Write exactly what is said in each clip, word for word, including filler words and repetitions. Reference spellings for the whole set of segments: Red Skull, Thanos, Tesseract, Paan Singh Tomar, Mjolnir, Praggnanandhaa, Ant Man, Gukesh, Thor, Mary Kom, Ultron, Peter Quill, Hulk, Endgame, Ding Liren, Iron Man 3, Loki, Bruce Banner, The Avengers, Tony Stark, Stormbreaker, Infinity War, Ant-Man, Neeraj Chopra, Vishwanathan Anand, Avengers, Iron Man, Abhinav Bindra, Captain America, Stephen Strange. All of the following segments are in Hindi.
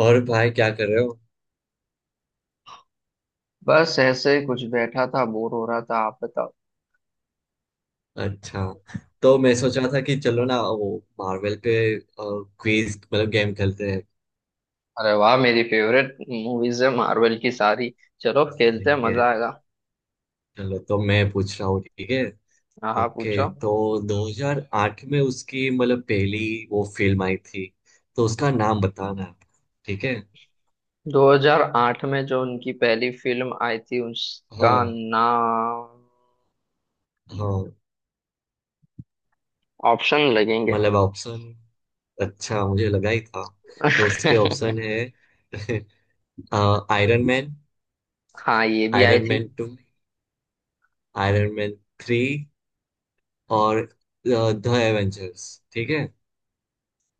और भाई क्या कर रहे हो? बस ऐसे ही कुछ बैठा था, बोर हो रहा था। आप बताओ। अच्छा। तो मैं सोच रहा था कि चलो ना, वो मार्वल पे क्विज मतलब गेम खेलते हैं। अरे वाह, मेरी फेवरेट मूवीज है मार्वल की सारी। चलो खेलते हैं, सही है। मजा आएगा। चलो, तो मैं पूछ रहा हूँ, ठीक है? हाँ हाँ, ओके। पूछो। तो दो हज़ार आठ में उसकी मतलब पहली वो फिल्म आई थी, तो उसका नाम बताना है। ठीक है। दो हज़ार आठ में जो उनकी पहली फिल्म आई थी उसका हाँ, नाम? हाँ। ऑप्शन लगेंगे। मतलब ऑप्शन? अच्छा, मुझे लगा ही था। तो उसके ऑप्शन है आयरन मैन, हाँ, ये भी आई आयरन थी। Man two, Iron Man three, और द एवेंजर्स। ठीक है।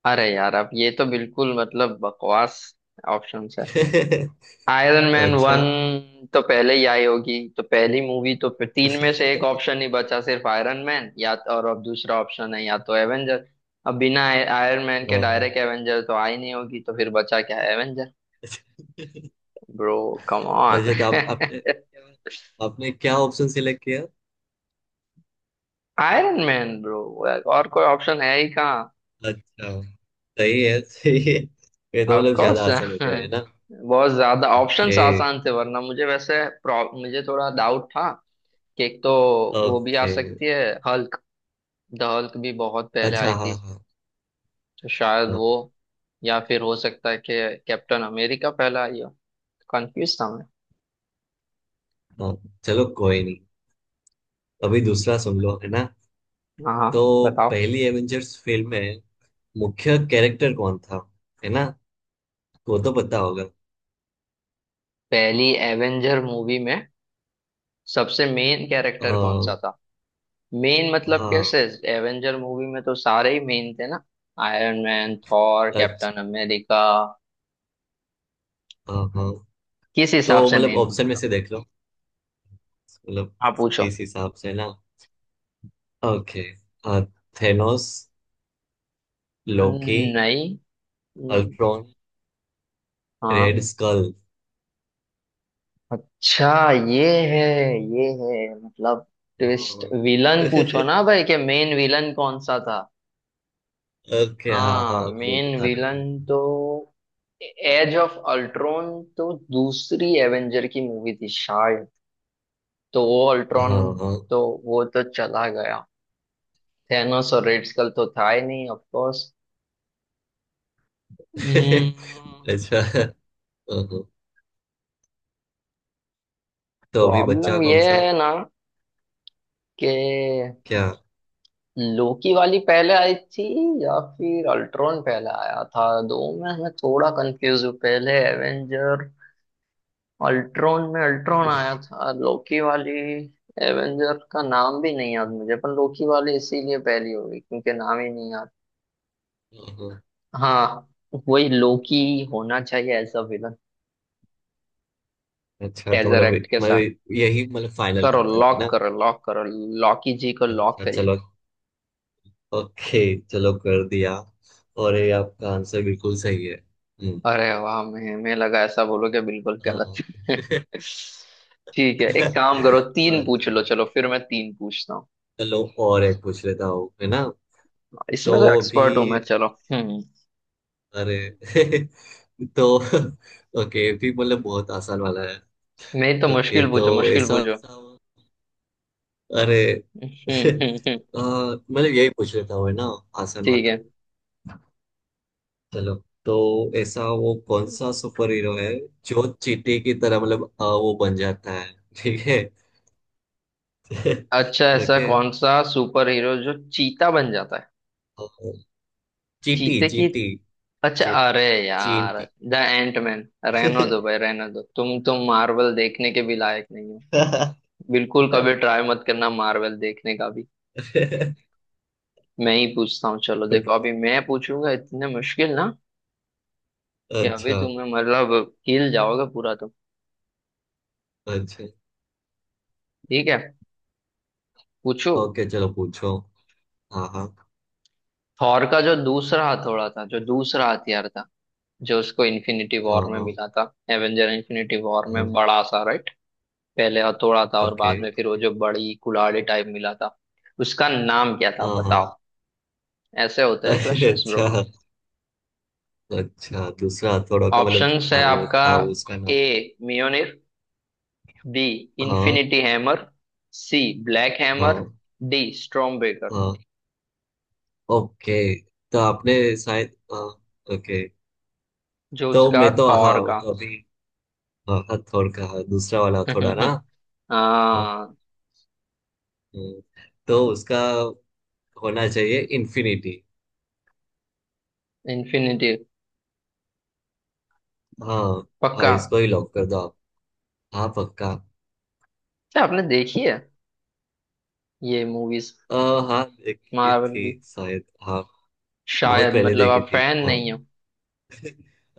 अरे यार, अब ये तो बिल्कुल मतलब बकवास ऑप्शन। आयरन मैन अच्छा। वन तो पहले ही आई होगी, तो पहली मूवी तो फिर तीन में से एक ऑप्शन ही बचा, सिर्फ आयरन मैन या तो, और अब दूसरा ऑप्शन है या तो एवेंजर। अब बिना आयरन मैन के हाँ, हाँ। डायरेक्ट एवेंजर तो आई नहीं होगी, तो फिर बचा क्या? एवेंजर। Bro, come on. अच्छा, तो आप आपने आपने क्या ऑप्शन सिलेक्ट किया? आयरन मैन ब्रो, और कोई ऑप्शन है ही कहाँ। अच्छा, सही है, सही है। ये तो ऑफ मतलब कोर्स ज्यादा आसान हो गया है ना। बहुत ज्यादा ऑप्शंस ओके। आसान थे, वरना मुझे वैसे प्रॉ- मुझे थोड़ा डाउट था कि एक तो वो भी आ ओके। सकती है, हल्क। द हल्क भी बहुत पहले आई अच्छा, हाँ थी, हाँ, तो शायद हाँ वो, या फिर हो सकता है कि कैप्टन अमेरिका पहला आई हो। कंफ्यूज था मैं। हाँ। चलो, कोई नहीं। अभी दूसरा सुन लो, है ना? हाँ हाँ, तो बताओ। पहली एवेंजर्स फिल्म में मुख्य कैरेक्टर कौन था, है ना? वो तो पता होगा। पहली एवेंजर मूवी में सबसे मेन अ, कैरेक्टर कौन सा था? मेन मतलब हाँ। कैसे? एवेंजर मूवी में तो सारे ही मेन थे ना, आयरन मैन, थॉर, अच्छा, कैप्टन अमेरिका। हाँ हाँ। किस तो हिसाब से मतलब मेन पूछ ऑप्शन में रहे से देख लो। मतलब हो? आप पूछो। किस हिसाब से ना। ओके। थेनोस, लोकी, नहीं। हम्म, अल्ट्रॉन, हाँ। Red Skull. अच्छा, ये है, ये है मतलब ट्विस्ट हाँ। विलन। पूछो ना भाई कि मेन विलन कौन सा था। ओके, हाँ हाँ, हाँ, वो मेन बताना विलन था। तो एज ऑफ अल्ट्रॉन, तो दूसरी एवेंजर की मूवी थी शायद। तो वो अल्ट्रॉन, हाँ, तो हाँ। वो तो चला गया। थेनोस और रेड स्कल तो था ही नहीं, ऑफ कोर्स। अच्छा, हाँ, हाँ। तो अभी बच्चा प्रॉब्लम कौन ये सा? है ना कि क्या? लोकी वाली पहले आई थी या फिर अल्ट्रॉन पहले आया था, दो में मैं थोड़ा कंफ्यूज हूँ। पहले एवेंजर अल्ट्रॉन में अल्ट्रॉन आया था, लोकी वाली एवेंजर का नाम भी नहीं याद मुझे। पर लोकी वाली इसीलिए पहली होगी क्योंकि नाम ही नहीं याद। हाँ, हाँ। हाँ, वही लोकी होना चाहिए एज अ विलन, अच्छा, तो मतलब टेजरेक्ट के साथ। मतलब यही मतलब फाइनल करो, करते हुए लॉक ना। करो, लॉक करो। लॉकी जी को लॉक अच्छा, करिए। चलो। ओके, चलो, कर दिया। और ये आपका आंसर बिल्कुल सही है। हम्म। अरे वाह, मैं मैं लगा ऐसा बोलोगे बिल्कुल हाँ। गलत है। ठीक है, एक काम करो, तीन पूछ अच्छा, लो, चलो फिर मैं तीन पूछता हूँ। चलो और एक पूछ लेता हूँ, है ना? तो इसमें तो अभी, एक्सपर्ट हूँ मैं, चलो। हम्म। अरे तो ओके, भी मतलब बहुत आसान वाला है। नहीं तो ओके, मुश्किल तो पूछो, मुश्किल ऐसा, पूछो। अरे हम्म, हम्म, हम्म, आ, मतलब यही पूछ लेता हूँ, है ना? आसान ठीक है। वाला। चलो। तो ऐसा वो कौन सा सुपर हीरो है जो चींटी की तरह, मतलब आ, वो बन जाता है? ठीक है। अच्छा, ऐसा ओके। कौन सा सुपर हीरो जो चीता बन जाता है? और चींटी, चीते की? चींटी, अच्छा, अरे यार, चींटी। The Ant Man. रहने दो Okay। भाई, रहने दो। तुम तुम मार्वल देखने के भी लायक नहीं हो। बिल्कुल कभी ट्राई मत करना मार्वल देखने का। मैं ही पूछता हूँ, चलो देखो, अभी मैं पूछूंगा इतने मुश्किल ना कि अभी अच्छा। तुम्हें मतलब हिल जाओगे पूरा तुम। अच्छा। ठीक है, पूछो। ओके, चलो, पूछो। हाँ हाँ, थॉर का जो दूसरा हथौड़ा था, जो दूसरा हथियार था, जो उसको इन्फिनिटी हाँ वॉर में हाँ, मिला था, एवेंजर इन्फिनिटी वॉर हाँ। में, बड़ा सा, राइट? पहले हथौड़ा था और ओके। बाद में फिर वो जो बड़ी कुल्हाड़ी टाइप मिला था, उसका नाम क्या था हाँ, हाँ। बताओ। ऐसे होता है अरे, क्वेश्चंस ब्रो। अच्छा। अच्छा, दूसरा हथौड़ा का मतलब? ऑप्शंस है हाँ, वो आपका। था उसका नाम। ए, मियोनिर। बी, हाँ, infinity hammer. C, black hammer. हाँ, डी, स्ट्रॉमबेकर। हाँ। ओके, तो आपने, शायद हाँ। ओके, जो तो उसका मैं तो हाँ, थॉर का तो अभी, हाँ, हथौड़ का हाँ, दूसरा वाला हथौड़ा ना। हाँ। हाँ, हम्म। तो उसका होना चाहिए इन्फिनिटी। इन्फिनिटी। हाँ, हाँ, पक्का। इसको ही लॉक कर दो। हाँ, पक्का। क्या आपने देखी है ये मूवीज आ, हाँ, देखी मार्वल थी की? शायद, हाँ। बहुत शायद पहले मतलब देखी आप थी, फैन हाँ। नहीं हो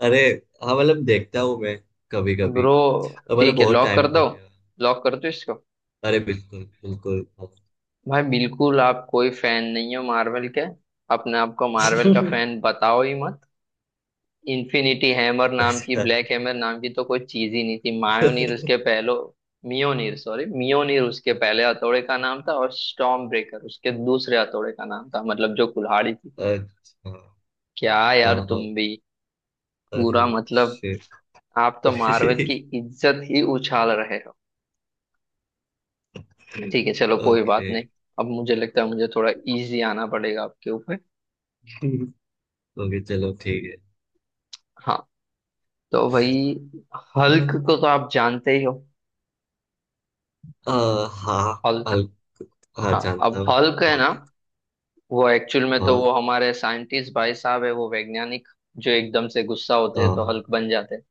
अरे, हाँ, मतलब देखता हूँ मैं कभी कभी। ब्रो। मतलब ठीक है, बहुत लॉक कर टाइम हो दो, गया। लॉक कर दो इसको। अरे, बिल्कुल बिल्कुल, हाँ। भाई बिल्कुल आप कोई फैन नहीं हो मार्वल के। अपने आप को मार्वल का फैन बताओ ही मत। इन्फिनिटी हैमर नाम की, अच्छा, ब्लैक हैमर नाम की तो कोई चीज ही नहीं थी। मायोनीर उसके पहलो, मियोनीर, सॉरी, मियोनीर उसके पहले हथौड़े का नाम था, और स्टॉर्म ब्रेकर उसके दूसरे हथौड़े का नाम था, मतलब जो कुल्हाड़ी थी। अच्छा, क्या हाँ यार, तुम हाँ। भी अरे पूरा मतलब शिट। आप तो मार्वल की इज्जत ही उछाल रहे हो। ठीक है, चलो कोई ओके। बात नहीं। अब मुझे लगता है मुझे थोड़ा इजी आना पड़ेगा आपके ऊपर। ओके, चलो, ठीक है। हाँ, तो भाई हल्क को तो आप जानते ही हो, आ, हाँ, हल्क। अल- हाँ, हाँ, अब जानता हूँ। हल्क है हाँ ना, वो एक्चुअल में तो हाँ, वो हमारे साइंटिस्ट भाई साहब है, वो वैज्ञानिक जो एकदम से गुस्सा होते हैं तो हाँ हल्क बन जाते हैं।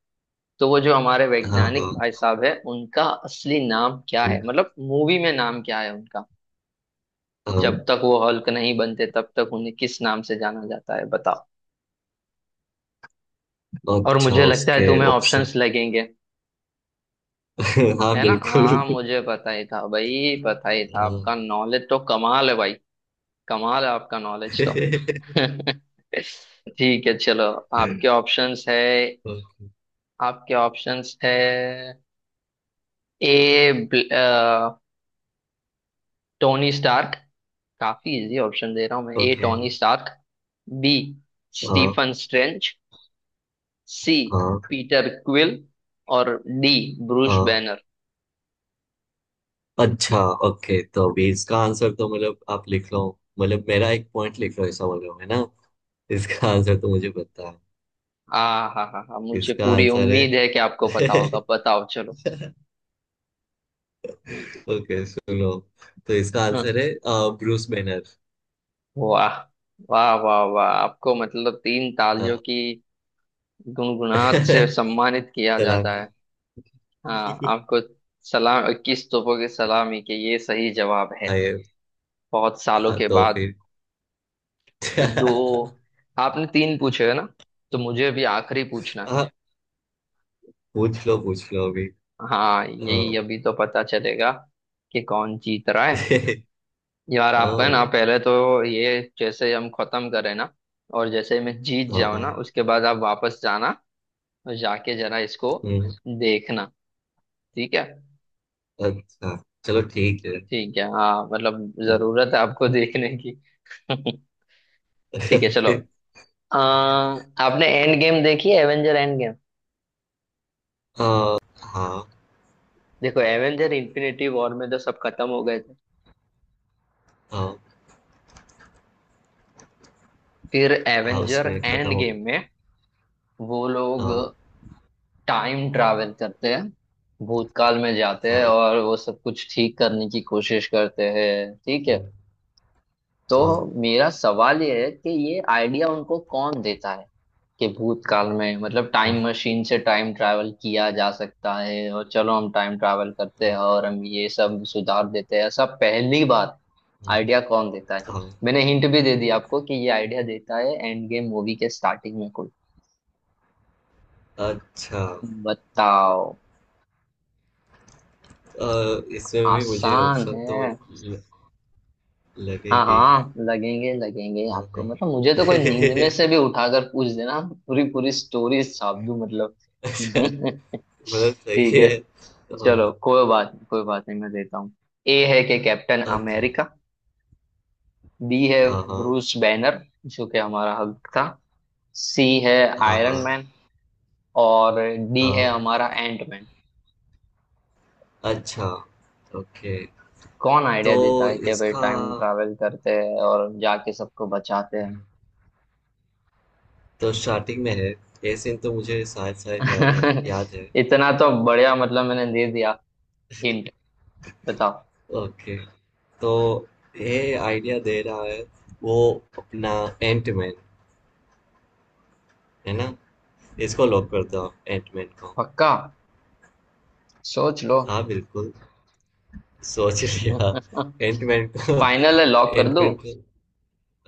तो वो जो हमारे हाँ, हाँ, वैज्ञानिक भाई हाँ, साहब है, उनका असली नाम क्या है, मतलब मूवी में नाम क्या है उनका, हाँ। जब तक वो हल्क नहीं बनते तब तक उन्हें किस नाम से जाना जाता है, बताओ। और अच्छा, मुझे लगता है उसके तुम्हें ऑप्शन। ऑप्शंस लगेंगे, हाँ, है ना? हाँ, बिल्कुल। मुझे पता ही था भाई, पता ही था, आपका नॉलेज तो कमाल है भाई। कमाल है आपका नॉलेज तो। ठीक है, चलो, आपके ऑप्शंस है, आपके ऑप्शंस है। A, Tony Stark. काफी इजी ऑप्शन दे रहा हूं मैं। A, okay, Tony Stark. B, हाँ स्टीफन स्ट्रेंज। सी, हाँ, पीटर क्विल। और डी, ब्रूस हाँ। बैनर। अच्छा। ओके, तो अभी इसका आंसर तो मतलब आप लिख लो। मतलब मेरा एक पॉइंट लिख लो ऐसा बोल रहे हो, है ना? इसका आंसर तो मुझे पता है। आ, हा हा हा, मुझे इसका पूरी आंसर उम्मीद है कि आपको पता है होगा, बताओ चलो। ओके, सुनो, तो इसका आंसर हम्म। है ब्रूस बैनर। वाह, वाह वाह वाह आपको मतलब तीन तालियों हाँ। की गुनगुनाहट से सम्मानित किया जाता है। सलामी। हाँ, आपको सलाम, इक्कीस तोपों की सलामी के, ये सही जवाब है हाँ, ये- बहुत सालों हाँ, के तो बाद। फिर तो दो, आपने तीन पूछे है ना, तो मुझे अभी आखिरी पूछना है। हाँ, पूछ लो, पूछ लो अभी। हाँ, हाँ। यही अभी तो पता चलेगा कि कौन जीत रहा है। यार ओ। आप है ना, पहले तो ये जैसे हम खत्म करें ना, और जैसे मैं जीत जाऊँ हाँ। ना, उसके बाद आप वापस जाना और जाके जरा इसको हम्म। देखना, ठीक है। अच्छा, चलो, ठीक है। ठीक है हाँ, मतलब हम्म। जरूरत है आपको देखने की। ठीक है, चलो। ओके। अ, आपने एंड गेम देखी है, एवेंजर एंड गेम। हाँ। हाँ। देखो, एवेंजर इन्फिनिटी वॉर में तो सब खत्म हो गए थे। हाँ, फिर हाँ, एवेंजर उसमें खत्म एंड हो गया। गेम में वो लोग हाँ। टाइम ट्रैवल करते हैं, भूतकाल में जाते हैं हाँ। और वो सब कुछ ठीक करने की कोशिश करते हैं, ठीक है। हम्म। तो हाँ। मेरा सवाल ये है कि ये आइडिया उनको कौन देता है कि भूतकाल में मतलब हम्म। टाइम मशीन से टाइम ट्रैवल किया जा सकता है, और चलो हम टाइम ट्रैवल करते हैं हाँ। और हम ये सब सुधार देते हैं, ऐसा पहली बार हम्म। आइडिया कौन देता है? हाँ। मैंने हिंट भी दे दी आपको कि ये आइडिया देता है एंड गेम मूवी के स्टार्टिंग में कोई, अच्छा। बताओ। अ, इसमें भी मुझे आसान ऑप्शन तो है। ल- हाँ लगेंगे ही। हाँ, लगेंगे लगेंगे हाँ, आपको, हाँ। मतलब मुझे तो कोई नींद में से भी उठाकर पूछ देना, पूरी पूरी स्टोरी छाप दूं मतलब। मतलब ठीक सही है। है, हाँ। चलो कोई बात नहीं, कोई बात नहीं, मैं देता हूँ। ए है कि कैप्टन ओके। अमेरिका। बी है हाँ हाँ, ब्रूस बैनर, जो कि हमारा हल्क था। सी है हाँ आयरन हाँ, मैन। और डी है हाँ। हमारा एंट मैन। अच्छा। ओके, कौन आइडिया तो देता है कि भाई इसका टाइम ट्रैवल करते हैं और जाके सबको बचाते हुँ। हैं? तो स्टार्टिंग में है, ये सीन तो मुझे शायद-शायद याद है, याद है। इतना तो बढ़िया मतलब मैंने दे दिया हिंट, बताओ। ओके, तो ये आइडिया दे रहा है वो, अपना एंटमैन, है ना? इसको लॉक कर दो, आप एंटमैन को। पक्का? सोच लो। हाँ, बिल्कुल, सोच लिया। एंटमैन को, फाइनल है, लॉक कर दूं? एंटमैन को,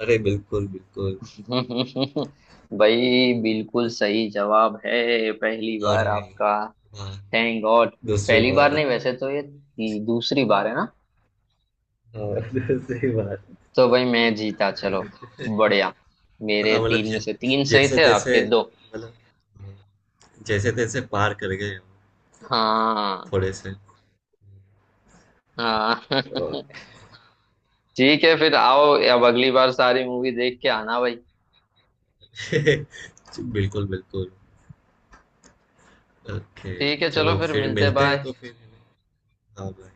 अरे! बिल्कुल, बिल्कुल। भाई बिल्कुल सही जवाब है, पहली बार अरे! आपका। हाँ, थैंक गॉड। दूसरी पहली बार बार। नहीं वैसे, तो ये ती- दूसरी बार है ना। हाँ, दूसरी बार। तो भाई मैं जीता, चलो, बढ़िया। मेरे हाँ, मतलब तीन में ज से तीन सही थे, आपके जैसे-तैसे दो। मतलब, हाँ, जैसे-तैसे पार कर गए हम हाँ थोड़े से। हाँ। ओके। ठीक है, फिर आओ, अब अगली बार सारी मूवी देख के आना भाई। बिल्कुल बिल्कुल। ओके, ठीक है, चलो चलो फिर फिर मिलते, मिलते हैं, बाय। तो फिर। हाँ, भाई।